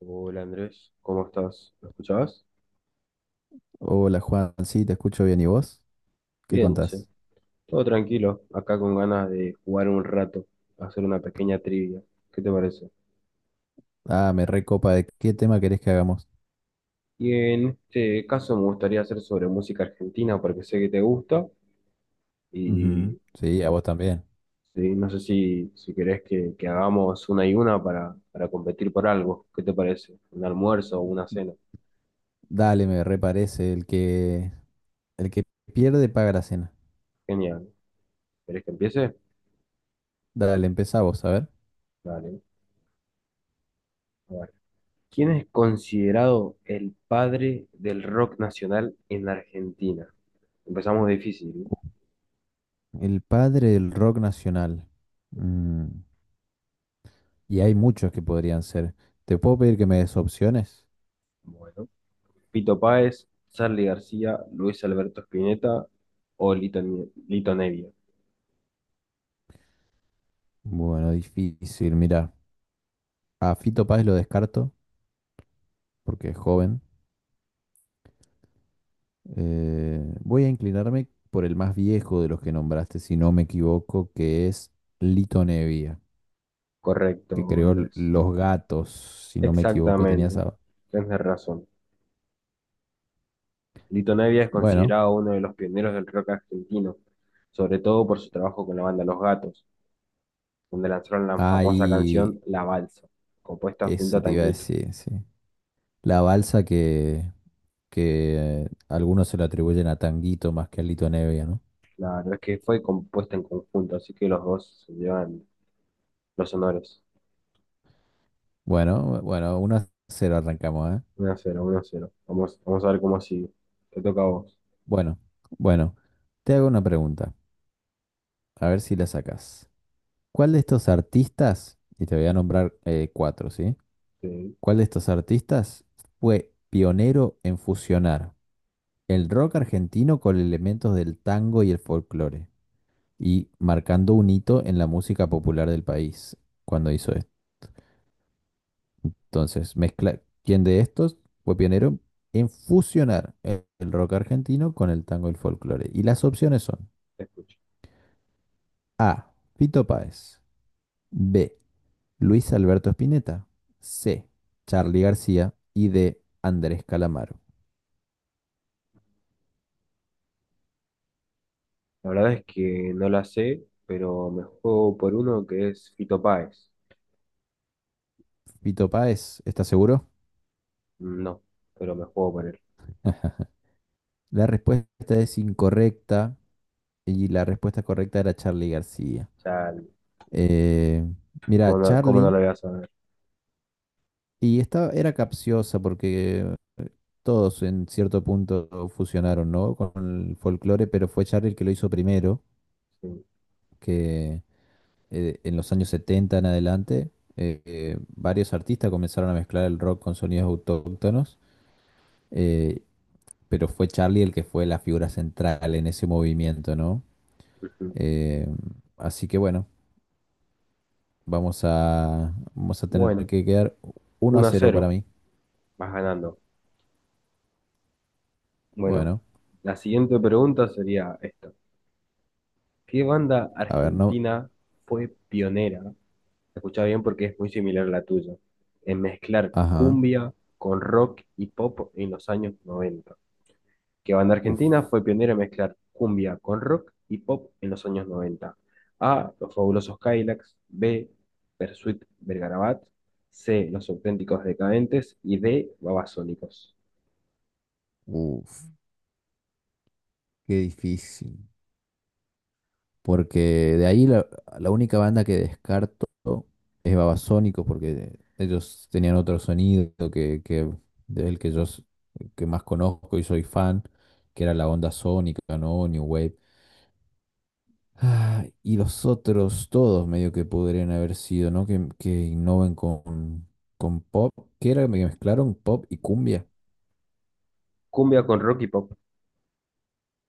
Hola Andrés, ¿cómo estás? ¿Me escuchabas? Hola Juan, sí, te escucho bien. ¿Y vos? ¿Qué Bien, che. contás? Todo tranquilo, acá con ganas de jugar un rato, hacer una pequeña trivia. ¿Qué te parece? Ah, me recopa. ¿De qué tema querés que hagamos? Y en este caso me gustaría hacer sobre música argentina porque sé que te gusta Ujú, y sí, a vos también. sí, no sé si querés que hagamos una y una para competir por algo. ¿Qué te parece? ¿Un almuerzo o una cena? Dale, me reparece. El que pierde paga la cena. Genial. ¿Querés que empiece? Dale, empezá vos, a ver. Dale. ¿Quién es considerado el padre del rock nacional en Argentina? Empezamos difícil, ¿eh? El padre del rock nacional. Mm, y hay muchos que podrían ser. ¿Te puedo pedir que me des opciones? Bueno, Pito Páez, Charly García, Luis Alberto Spinetta o Lito, Lito Nevia. Bueno, difícil. Mira, a Fito Páez lo descarto porque es joven. Voy a inclinarme por el más viejo de los que nombraste, si no me equivoco, que es Lito Nevia, que Correcto, creó Andrés. Los Gatos. Si no me equivoco, tenía Exactamente. esa. Tienes razón. Lito Nevia es Bueno, considerado uno de los pioneros del rock argentino, sobre todo por su trabajo con la banda Los Gatos, donde lanzaron la famosa hay. canción La Balsa, compuesta junto Eso a te iba a Tanguito. decir, sí. La balsa que algunos se la atribuyen a Tanguito más que a Lito Nevia, ¿no? Claro, es que fue compuesta en conjunto, así que los dos se llevan los honores. Bueno, bueno, uno a 0 arrancamos, ¿eh? Uno a cero, uno a cero. Vamos, vamos a ver cómo sigue. Te toca a vos. Bueno, bueno, te hago una pregunta, a ver si la sacas. ¿Cuál de estos artistas, y te voy a nombrar cuatro, sí? Sí, ¿Cuál de estos artistas fue pionero en fusionar el rock argentino con elementos del tango y el folclore? Y marcando un hito en la música popular del país cuando hizo esto. Entonces, mezcla, ¿quién de estos fue pionero en fusionar el rock argentino con el tango y el folclore? Y las opciones son te escucho. A. Fito Páez. B. Luis Alberto Spinetta. C. Charly García. Y D. Andrés Calamaro. La verdad es que no la sé, pero me juego por uno que es Fito Páez. Fito Páez, ¿estás seguro? No, pero me juego por él. La respuesta es incorrecta y la respuesta correcta era Charly García. Ya, Eh, Mira, ¿cómo no Charly, lo voy a saber? y esta era capciosa porque todos en cierto punto fusionaron, ¿no? Con el folclore, pero fue Charly el que lo hizo primero, Sí, que en los años 70 en adelante, varios artistas comenzaron a mezclar el rock con sonidos autóctonos, eh, pero fue Charlie el que fue la figura central en ese movimiento, ¿no? ujú. Eh, Así que bueno, vamos a tener Bueno, que quedar uno a uno a cero para cero, mí. vas ganando. Bueno, Bueno, la siguiente pregunta sería esta. ¿Qué banda a ver, no. argentina fue pionera? Escucha bien porque es muy similar a la tuya, en mezclar Ajá. cumbia con rock y pop en los años 90. Que banda Uf, argentina fue pionera en mezclar cumbia con rock y pop en los años 90? A. Los fabulosos Cadillacs. B. Persuit Vergarabat. C. Los auténticos decadentes. Y D. Babasónicos. uf, qué difícil. Porque de ahí la única banda que descarto es Babasónicos, porque ellos tenían otro sonido que del que que más conozco y soy fan, que era la onda sónica, ¿no? New Wave. Ah, y los otros, todos medio que podrían haber sido, ¿no? Que innoven con pop, que era que mezclaron pop y cumbia. Cumbia con rock y pop.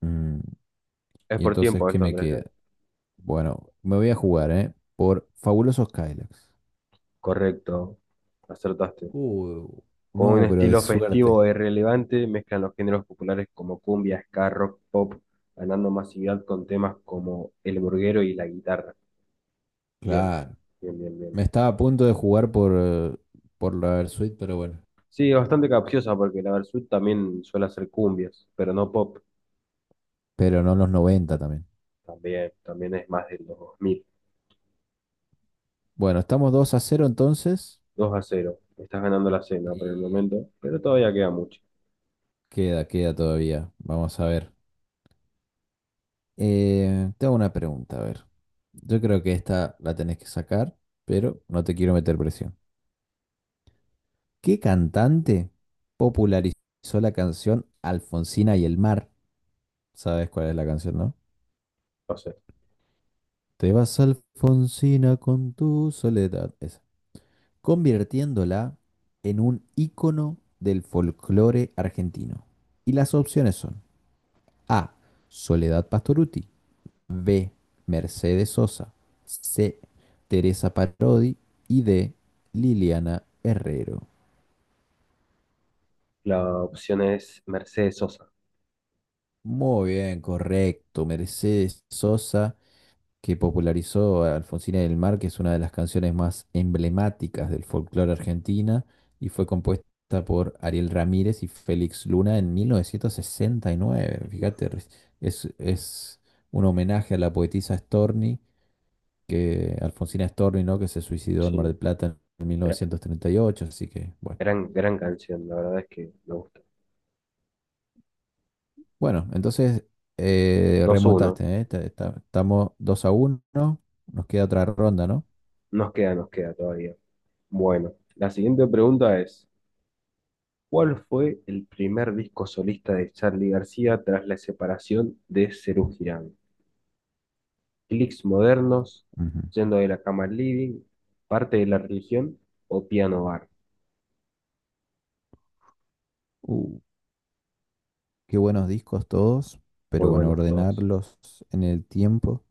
Mm, Es y por entonces, tiempo ¿qué esto, me Andrés. queda? Bueno, me voy a jugar, ¿eh? Por Fabulosos Cadillacs. Correcto. Acertaste. Uh, Con un no, pero de estilo suerte. festivo e irrelevante, mezclan los géneros populares como cumbia, ska, rock, pop, ganando masividad con temas como el burguero y la guitarra. Bien, Claro. bien, bien, bien. Me estaba a punto de jugar por la Versuit, pero bueno. Sí, bastante capciosa porque la Versus también suele hacer cumbias, pero no pop. Pero no los 90 también. También, también es más de los dos mil. Bueno, estamos 2-0 entonces. Dos a cero. Estás ganando la cena por el Y momento, pero todavía queda mucho. queda todavía. Vamos a ver. Te hago una pregunta, a ver. Yo creo que esta la tenés que sacar, pero no te quiero meter presión. ¿Qué cantante popularizó la canción Alfonsina y el mar? ¿Sabes cuál es la canción, no? No sé. Te vas Alfonsina con tu soledad, esa, convirtiéndola en un ícono del folclore argentino. Y las opciones son A. Soledad Pastorutti, B. Mercedes Sosa, C. Teresa Parodi y D. Liliana Herrero. La opción es Mercedes Sosa. Muy bien, correcto. Mercedes Sosa, que popularizó a Alfonsina del Mar, que es una de las canciones más emblemáticas del folclore argentina y fue compuesta por Ariel Ramírez y Félix Luna en 1969. Uf, Fíjate, es un homenaje a la poetisa Storni, que Alfonsina Storni, ¿no?, que se suicidó en Mar sí. del Plata en Gra- 1938, así que bueno. Gran, gran canción, la verdad es que me gusta. Bueno, entonces 2 uno. remontaste, ¿eh? Estamos 2-1, nos queda otra ronda, ¿no? Nos queda todavía. Bueno, la siguiente pregunta es, ¿cuál fue el primer disco solista de Charly García tras la separación de Serú Girán? ¿Clics modernos, Ujú. yendo de la cama al living, parte de la religión o piano bar? Qué buenos discos todos, pero Muy bueno, buenos todos. ordenarlos en el tiempo.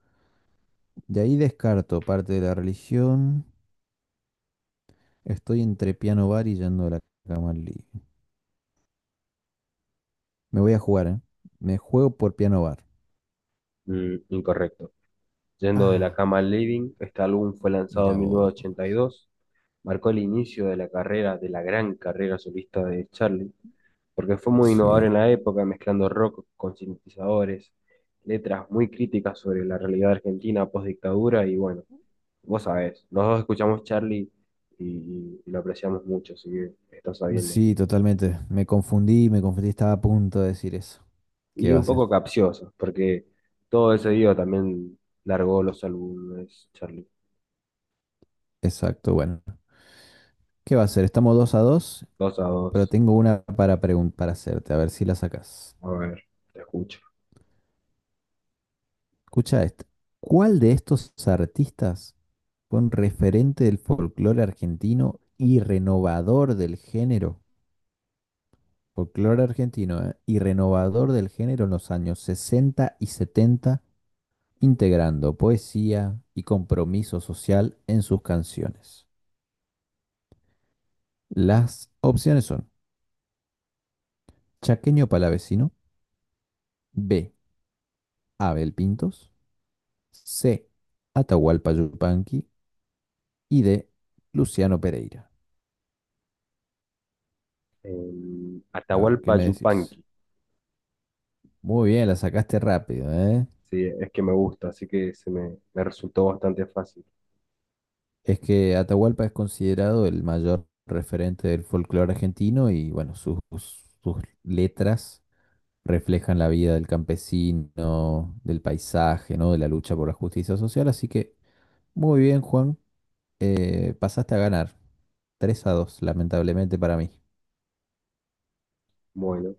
De ahí descarto parte de la religión. Estoy entre piano bar y yendo a la cama al living. Me voy a jugar, ¿eh? Me juego por piano bar. Mm, incorrecto. Yendo de la Ah, cama al living, este álbum fue lanzado mira en mil vos. novecientos ochenta y dos Marcó el inicio de la carrera, de la gran carrera solista de Charly porque fue muy innovador Sí, en la época, mezclando rock con sintetizadores, letras muy críticas sobre la realidad argentina post-dictadura, y bueno, vos sabés, los dos escuchamos Charlie y lo apreciamos mucho, así que está sabiendo. sí, totalmente. Me confundí, estaba a punto de decir eso. ¿Qué Y va a un ser? poco capcioso, porque todo ese día también largó los álbumes, Charlie. Exacto, bueno. ¿Qué va a ser? Estamos 2-2, Dos a pero dos, tengo una para hacerte, a ver si la sacas. a ver, te escucho. Escucha esta. ¿Cuál de estos artistas fue un referente del folclore argentino y renovador del género? Folclore argentino, ¿eh? Y renovador del género en los años 60 y 70, integrando poesía y compromiso social en sus canciones. Las opciones son Chaqueño Palavecino, B. Abel Pintos, C. Atahualpa Yupanqui y D. Luciano Pereira. En A ver, ¿qué Atahualpa me decís? Yupanqui. Muy bien, la sacaste rápido, ¿eh? Sí, es que me gusta, así que se me resultó bastante fácil. Es que Atahualpa es considerado el mayor referente del folclore argentino y bueno, sus letras reflejan la vida del campesino, del paisaje, ¿no? De la lucha por la justicia social. Así que muy bien, Juan. Pasaste a ganar. 3-2, lamentablemente para mí. Bueno,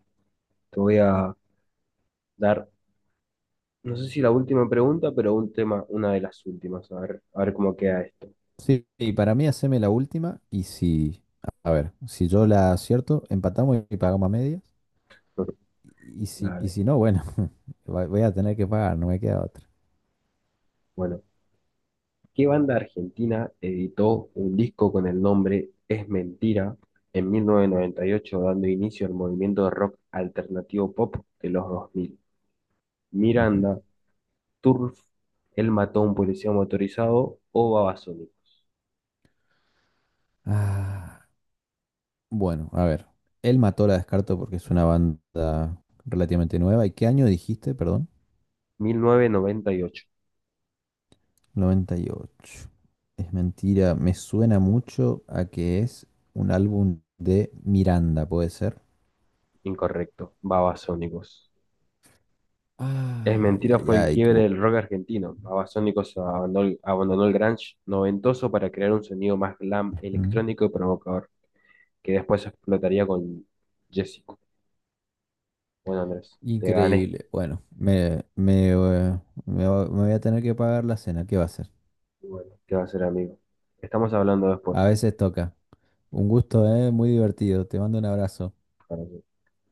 te voy a dar, no sé si la última pregunta, pero un tema, una de las últimas, a ver cómo queda esto. Sí, y para mí haceme la última y, si, a ver, si yo la acierto, empatamos y pagamos a medias. Y si, y Dale. si no, bueno, voy a tener que pagar, no me queda otra. Bueno, ¿qué banda argentina editó un disco con el nombre Es Mentira en 1998, dando inicio al movimiento de rock alternativo pop de los 2000? Ujú. Miranda, Turf, Él mató a un policía motorizado o Babasónicos. Ah, bueno, a ver. Él mató la descarto porque es una banda relativamente nueva. ¿Y qué año dijiste, perdón? 1998. 98. Es mentira, me suena mucho a que es un álbum de Miranda, ¿puede ser? Incorrecto, Babasónicos. Es Ay, mentira ay, fue el ay. quiebre del rock argentino. Babasónicos abandonó, abandonó el grunge noventoso para crear un sonido más glam, Ujú. electrónico y provocador, que después explotaría con Jessico. Bueno, Andrés, te gané. Increíble. Bueno, me voy a tener que pagar la cena. ¿Qué va a hacer? Bueno, ¿qué va a ser, amigo? Estamos hablando A después. veces toca. Un gusto, ¿eh? Muy divertido. Te mando un abrazo. Para que-